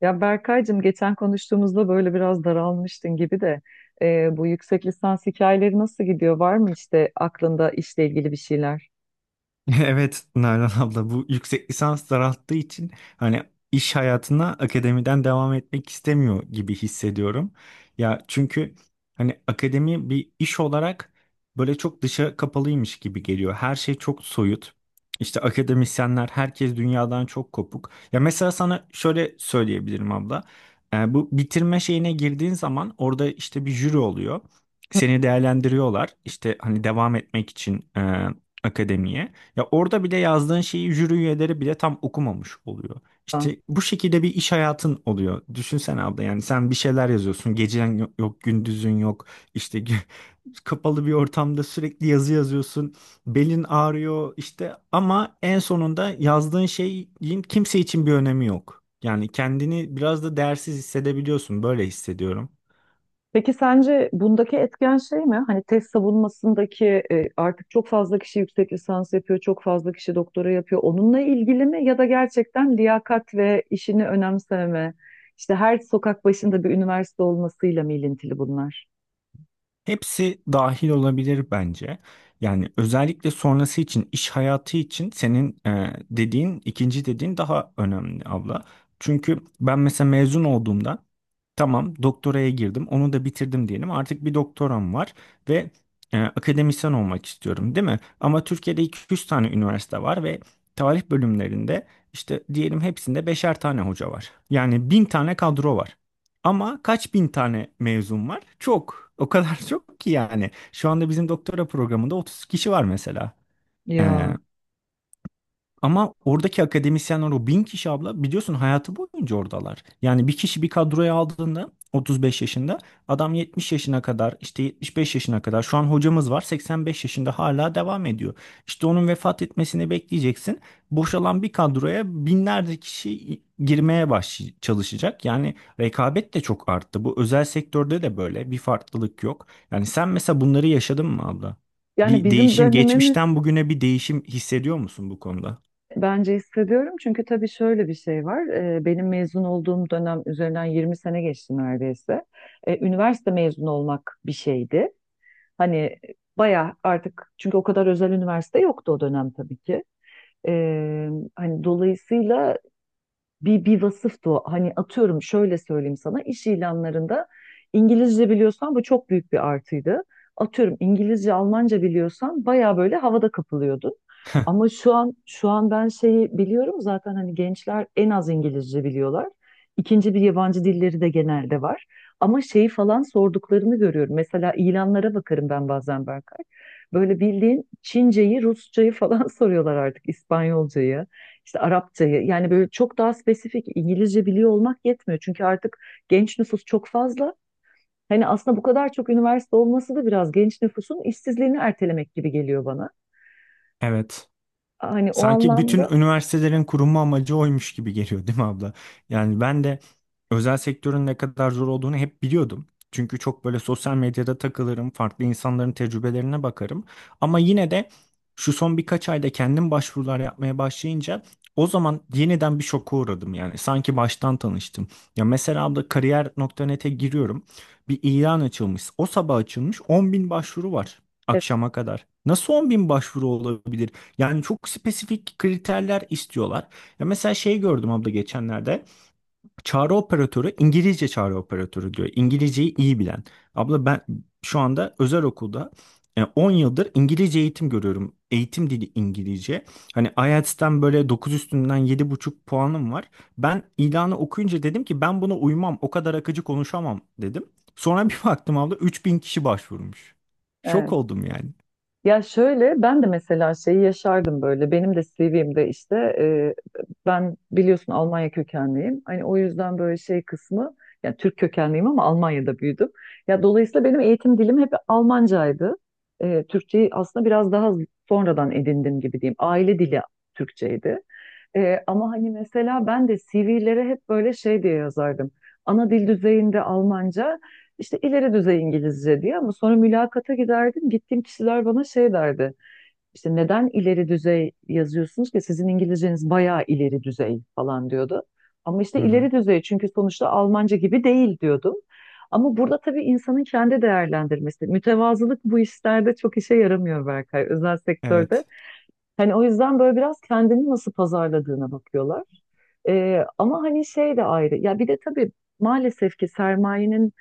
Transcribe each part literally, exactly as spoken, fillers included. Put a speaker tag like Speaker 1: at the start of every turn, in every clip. Speaker 1: Ya Berkaycığım geçen konuştuğumuzda böyle biraz daralmıştın gibi de e, bu yüksek lisans hikayeleri nasıl gidiyor? Var mı işte aklında işle ilgili bir şeyler?
Speaker 2: Evet Nalan abla bu yüksek lisans daralttığı için hani iş hayatına akademiden devam etmek istemiyor gibi hissediyorum. Ya çünkü hani akademi bir iş olarak böyle çok dışa kapalıymış gibi geliyor. Her şey çok soyut. İşte akademisyenler herkes dünyadan çok kopuk. Ya mesela sana şöyle söyleyebilirim abla. Ee, bu bitirme şeyine girdiğin zaman orada işte bir jüri oluyor. Seni değerlendiriyorlar. İşte hani devam etmek için e, akademiye. Ya orada bile yazdığın şeyi jüri üyeleri bile tam okumamış oluyor.
Speaker 1: Ha.
Speaker 2: İşte bu şekilde bir iş hayatın oluyor. Düşünsene abla yani sen bir şeyler yazıyorsun. Gecen yok, yok, gündüzün yok. İşte gü- kapalı bir ortamda sürekli yazı yazıyorsun. Belin ağrıyor işte ama en sonunda yazdığın şeyin kimse için bir önemi yok. Yani kendini biraz da değersiz hissedebiliyorsun. Böyle hissediyorum.
Speaker 1: Peki sence bundaki etken şey mi? Hani tez savunmasındaki e, artık çok fazla kişi yüksek lisans yapıyor, çok fazla kişi doktora yapıyor. Onunla ilgili mi ya da gerçekten liyakat ve işini önemsememe, işte her sokak başında bir üniversite olmasıyla mı ilintili bunlar?
Speaker 2: Hepsi dahil olabilir bence. Yani özellikle sonrası için, iş hayatı için senin e, dediğin, ikinci dediğin daha önemli abla. Çünkü ben mesela mezun olduğumda tamam doktoraya girdim, onu da bitirdim diyelim. Artık bir doktoram var ve e, akademisyen olmak istiyorum, değil mi? Ama Türkiye'de iki üç tane üniversite var ve tarih bölümlerinde işte diyelim hepsinde beşer tane hoca var. Yani bin tane kadro var. Ama kaç bin tane mezun var? Çok. O kadar çok ki yani. Şu anda bizim doktora programında otuz kişi var mesela. Ee,
Speaker 1: Ya.
Speaker 2: ama oradaki akademisyenler o bin kişi abla biliyorsun hayatı boyunca oradalar. Yani bir kişi bir kadroya aldığında otuz beş yaşında adam yetmiş yaşına kadar işte yetmiş beş yaşına kadar şu an hocamız var seksen beş yaşında hala devam ediyor. İşte onun vefat etmesini bekleyeceksin. Boşalan bir kadroya binlerce kişi girmeye baş çalışacak. Yani rekabet de çok arttı. Bu özel sektörde de böyle bir farklılık yok. Yani sen mesela bunları yaşadın mı abla?
Speaker 1: Yani
Speaker 2: Bir
Speaker 1: bizim
Speaker 2: değişim,
Speaker 1: dönemimiz.
Speaker 2: geçmişten bugüne bir değişim hissediyor musun bu konuda?
Speaker 1: Bence hissediyorum çünkü tabii şöyle bir şey var. Ee, Benim mezun olduğum dönem üzerinden yirmi sene geçti neredeyse. Ee, Üniversite mezunu olmak bir şeydi. Hani bayağı, artık çünkü o kadar özel üniversite yoktu o dönem tabii ki. Ee, Hani dolayısıyla bir, bir vasıftı o. Hani atıyorum şöyle söyleyeyim sana, iş ilanlarında İngilizce biliyorsan bu çok büyük bir artıydı. Atıyorum İngilizce, Almanca biliyorsan baya böyle havada kapılıyordun. Ama şu an şu an ben şeyi biliyorum, zaten hani gençler en az İngilizce biliyorlar. İkinci bir yabancı dilleri de genelde var. Ama şeyi falan sorduklarını görüyorum. Mesela ilanlara bakarım ben bazen Berkay. Böyle bildiğin Çinceyi, Rusçayı falan soruyorlar artık, İspanyolcayı işte Arapçayı, yani böyle çok daha spesifik. İngilizce biliyor olmak yetmiyor. Çünkü artık genç nüfus çok fazla. Hani aslında bu kadar çok üniversite olması da biraz genç nüfusun işsizliğini ertelemek gibi geliyor bana.
Speaker 2: Evet.
Speaker 1: Hani o
Speaker 2: Sanki bütün
Speaker 1: anlamda
Speaker 2: üniversitelerin kurulma amacı oymuş gibi geliyor, değil mi abla? Yani ben de özel sektörün ne kadar zor olduğunu hep biliyordum. Çünkü çok böyle sosyal medyada takılırım, farklı insanların tecrübelerine bakarım. Ama yine de şu son birkaç ayda kendim başvurular yapmaya başlayınca o zaman yeniden bir şoka uğradım yani. Sanki baştan tanıştım. Ya mesela abla kariyer nokta net'e giriyorum. Bir ilan açılmış. O sabah açılmış on bin başvuru var
Speaker 1: evet,
Speaker 2: akşama kadar. Nasıl on bin başvuru olabilir? Yani çok spesifik kriterler istiyorlar. Ya mesela şey gördüm abla geçenlerde. Çağrı operatörü İngilizce çağrı operatörü diyor. İngilizceyi iyi bilen. Abla ben şu anda özel okulda e, on yıldır İngilizce eğitim görüyorum. Eğitim dili İngilizce. Hani IELTS'ten böyle dokuz üstünden yedi buçuk puanım var. Ben ilanı okuyunca dedim ki ben buna uymam. O kadar akıcı konuşamam dedim. Sonra bir baktım abla üç bin kişi başvurmuş. Şok
Speaker 1: evet.
Speaker 2: oldum yani.
Speaker 1: Ya şöyle ben de mesela şeyi yaşardım böyle. Benim de C V'mde işte e, ben biliyorsun Almanya kökenliyim. Hani o yüzden böyle şey kısmı, yani Türk kökenliyim ama Almanya'da büyüdüm. Ya dolayısıyla benim eğitim dilim hep Almancaydı. E, Türkçeyi aslında biraz daha sonradan edindim gibi diyeyim. Aile dili Türkçeydi. Ee, ama hani mesela ben de C V'lere hep böyle şey diye yazardım. Ana dil düzeyinde Almanca, işte ileri düzey İngilizce diye, ama sonra mülakata giderdim. Gittiğim kişiler bana şey derdi. İşte neden ileri düzey yazıyorsunuz ki, sizin İngilizceniz bayağı ileri düzey falan diyordu. Ama işte
Speaker 2: Hı hı.
Speaker 1: ileri düzey çünkü sonuçta Almanca gibi değil diyordum. Ama burada tabii insanın kendi değerlendirmesi. Mütevazılık bu işlerde çok işe yaramıyor Berkay, özel sektörde.
Speaker 2: Evet.
Speaker 1: Hani o yüzden böyle biraz kendini nasıl pazarladığına bakıyorlar. Ee, ama hani şey de ayrı. Ya bir de tabii maalesef ki sermayenin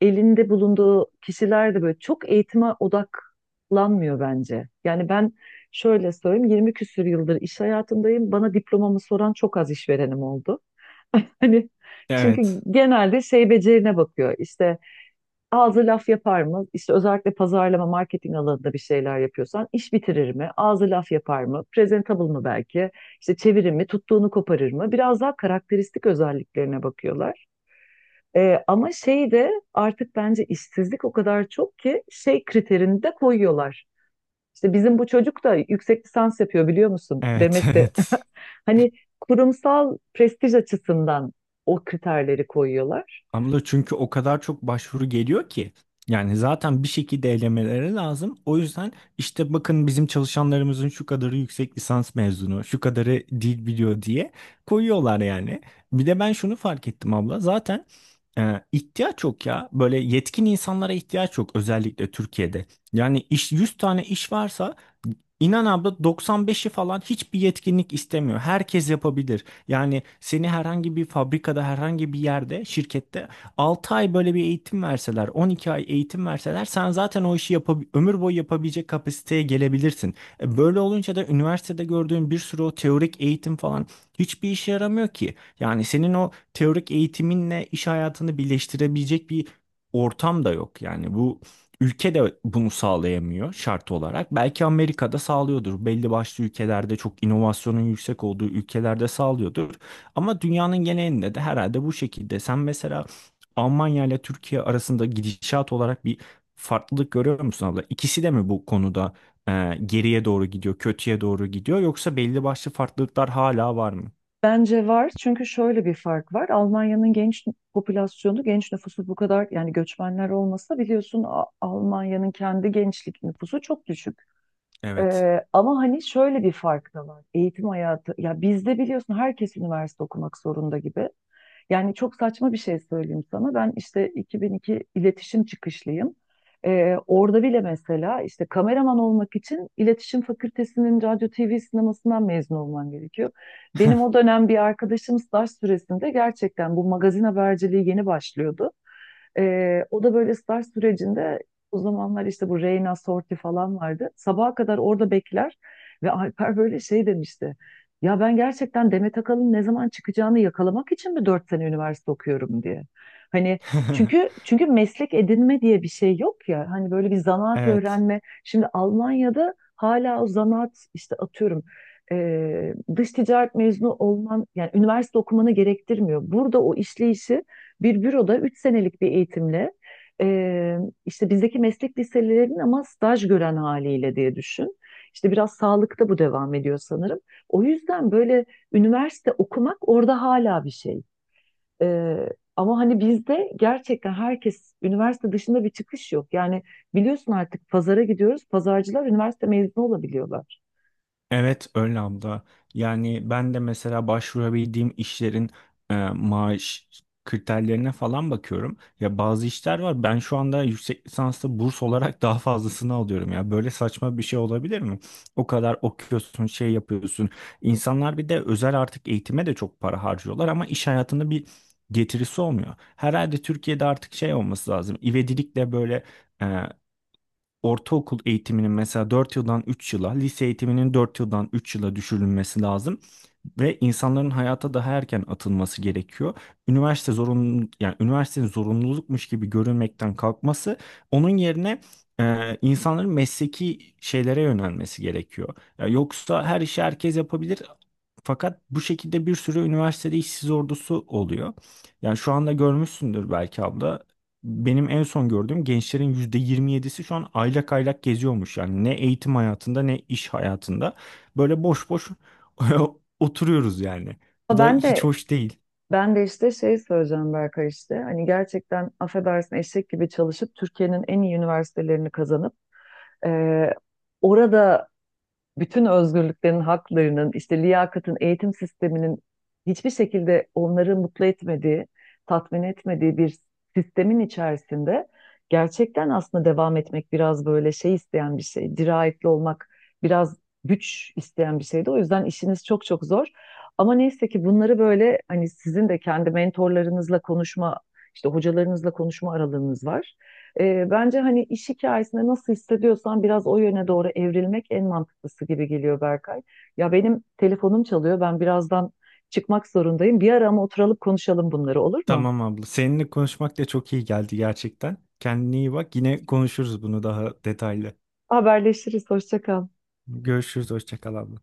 Speaker 1: elinde bulunduğu kişiler de böyle çok eğitime odaklanmıyor bence. Yani ben şöyle söyleyeyim, yirmi küsür yıldır iş hayatındayım. Bana diplomamı soran çok az işverenim oldu. Hani çünkü
Speaker 2: Evet.
Speaker 1: genelde şey becerine bakıyor. İşte ağzı laf yapar mı? İşte özellikle pazarlama, marketing alanında bir şeyler yapıyorsan iş bitirir mi? Ağzı laf yapar mı? Presentable mı belki? İşte çevirir mi? Tuttuğunu koparır mı? Biraz daha karakteristik özelliklerine bakıyorlar. Ee, ama şey de artık bence işsizlik o kadar çok ki şey kriterini de koyuyorlar. İşte bizim bu çocuk da yüksek lisans yapıyor biliyor musun
Speaker 2: Evet.
Speaker 1: demesi.
Speaker 2: Evet.
Speaker 1: Hani kurumsal prestij açısından o kriterleri koyuyorlar.
Speaker 2: Abla çünkü o kadar çok başvuru geliyor ki. Yani zaten bir şekilde elemeleri lazım. O yüzden işte bakın bizim çalışanlarımızın şu kadarı yüksek lisans mezunu, şu kadarı dil biliyor diye koyuyorlar yani. Bir de ben şunu fark ettim abla. Zaten e, ihtiyaç yok ya. Böyle yetkin insanlara ihtiyaç yok özellikle Türkiye'de. Yani iş yüz tane iş varsa inan abla doksan beşi falan hiçbir yetkinlik istemiyor. Herkes yapabilir. Yani seni herhangi bir fabrikada, herhangi bir yerde, şirkette altı ay böyle bir eğitim verseler, on iki ay eğitim verseler sen zaten o işi yapab ömür boyu yapabilecek kapasiteye gelebilirsin. E, Böyle olunca da üniversitede gördüğün bir sürü o teorik eğitim falan hiçbir işe yaramıyor ki. Yani senin o teorik eğitiminle iş hayatını birleştirebilecek bir ortam da yok. Yani bu ülke de bunu sağlayamıyor şart olarak. Belki Amerika'da sağlıyordur. Belli başlı ülkelerde çok inovasyonun yüksek olduğu ülkelerde sağlıyordur. Ama dünyanın genelinde de herhalde bu şekilde. Sen mesela Almanya ile Türkiye arasında gidişat olarak bir farklılık görüyor musun abla? İkisi de mi bu konuda e, geriye doğru gidiyor, kötüye doğru gidiyor yoksa belli başlı farklılıklar hala var mı?
Speaker 1: Bence var çünkü şöyle bir fark var. Almanya'nın genç popülasyonu, genç nüfusu bu kadar, yani göçmenler olmasa biliyorsun A- Almanya'nın kendi gençlik nüfusu çok düşük.
Speaker 2: Evet.
Speaker 1: Ee, ama hani şöyle bir fark da var. Eğitim hayatı, ya bizde biliyorsun herkes üniversite okumak zorunda gibi. Yani çok saçma bir şey söyleyeyim sana. Ben işte iki bin iki iletişim çıkışlıyım. Ee, orada bile mesela işte kameraman olmak için iletişim fakültesinin radyo T V sinemasından mezun olman gerekiyor. Benim o dönem bir arkadaşım staj süresinde, gerçekten bu magazin haberciliği yeni başlıyordu. Ee, o da böyle staj sürecinde, o zamanlar işte bu Reyna Sorti falan vardı. Sabaha kadar orada bekler ve Alper böyle şey demişti. Ya ben gerçekten Demet Akalın ne zaman çıkacağını yakalamak için mi dört sene üniversite okuyorum diye. Hani çünkü çünkü meslek edinme diye bir şey yok ya. Hani böyle bir zanaat
Speaker 2: Evet.
Speaker 1: öğrenme. Şimdi Almanya'da hala o zanaat işte atıyorum eee, dış ticaret mezunu olman yani üniversite okumanı gerektirmiyor. Burada o işleyişi bir büroda üç senelik bir eğitimle eee, işte bizdeki meslek liselerinin ama staj gören haliyle diye düşün. İşte biraz sağlıkta bu devam ediyor sanırım. O yüzden böyle üniversite okumak orada hala bir şey. Ee, ama hani bizde gerçekten herkes, üniversite dışında bir çıkış yok. Yani biliyorsun artık pazara gidiyoruz. Pazarcılar üniversite mezunu olabiliyorlar.
Speaker 2: Evet öyle abla. Yani ben de mesela başvurabildiğim işlerin e, maaş kriterlerine falan bakıyorum. Ya bazı işler var. Ben şu anda yüksek lisanslı burs olarak daha fazlasını alıyorum ya. Böyle saçma bir şey olabilir mi? O kadar okuyorsun, şey yapıyorsun. İnsanlar bir de özel artık eğitime de çok para harcıyorlar ama iş hayatında bir getirisi olmuyor. Herhalde Türkiye'de artık şey olması lazım. İvedilikle böyle e, ortaokul eğitiminin mesela dört yıldan üç yıla, lise eğitiminin dört yıldan üç yıla düşürülmesi lazım ve insanların hayata daha erken atılması gerekiyor. Üniversite zorunlu yani üniversitenin zorunlulukmuş gibi görünmekten kalkması onun yerine e, insanların mesleki şeylere yönelmesi gerekiyor. Ya yoksa her işi herkes yapabilir. Fakat bu şekilde bir sürü üniversitede işsiz ordusu oluyor. Yani şu anda görmüşsündür belki abla. Benim en son gördüğüm gençlerin yüzde yirmi yedisi şu an aylak aylak geziyormuş. Yani ne eğitim hayatında ne iş hayatında. Böyle boş boş oturuyoruz yani. Bu
Speaker 1: Ama
Speaker 2: da
Speaker 1: Ben
Speaker 2: hiç
Speaker 1: de
Speaker 2: hoş değil.
Speaker 1: ben de işte şey söyleyeceğim Berkay, işte hani gerçekten affedersin eşek gibi çalışıp Türkiye'nin en iyi üniversitelerini kazanıp e, orada bütün özgürlüklerin, haklarının, işte liyakatın, eğitim sisteminin hiçbir şekilde onları mutlu etmediği, tatmin etmediği bir sistemin içerisinde gerçekten aslında devam etmek biraz böyle şey isteyen bir şey, dirayetli olmak biraz güç isteyen bir şeydi. O yüzden işiniz çok çok zor. Ama neyse ki bunları böyle hani sizin de kendi mentorlarınızla konuşma, işte hocalarınızla konuşma aralığınız var. Ee, bence hani iş hikayesinde nasıl hissediyorsan biraz o yöne doğru evrilmek en mantıklısı gibi geliyor Berkay. Ya benim telefonum çalıyor. Ben birazdan çıkmak zorundayım. Bir ara ama oturalım konuşalım bunları, olur mu?
Speaker 2: Tamam abla. Seninle konuşmak da çok iyi geldi gerçekten. Kendine iyi bak. Yine konuşuruz bunu daha detaylı.
Speaker 1: Haberleşiriz. Hoşça kal.
Speaker 2: Görüşürüz. Hoşça kal abla.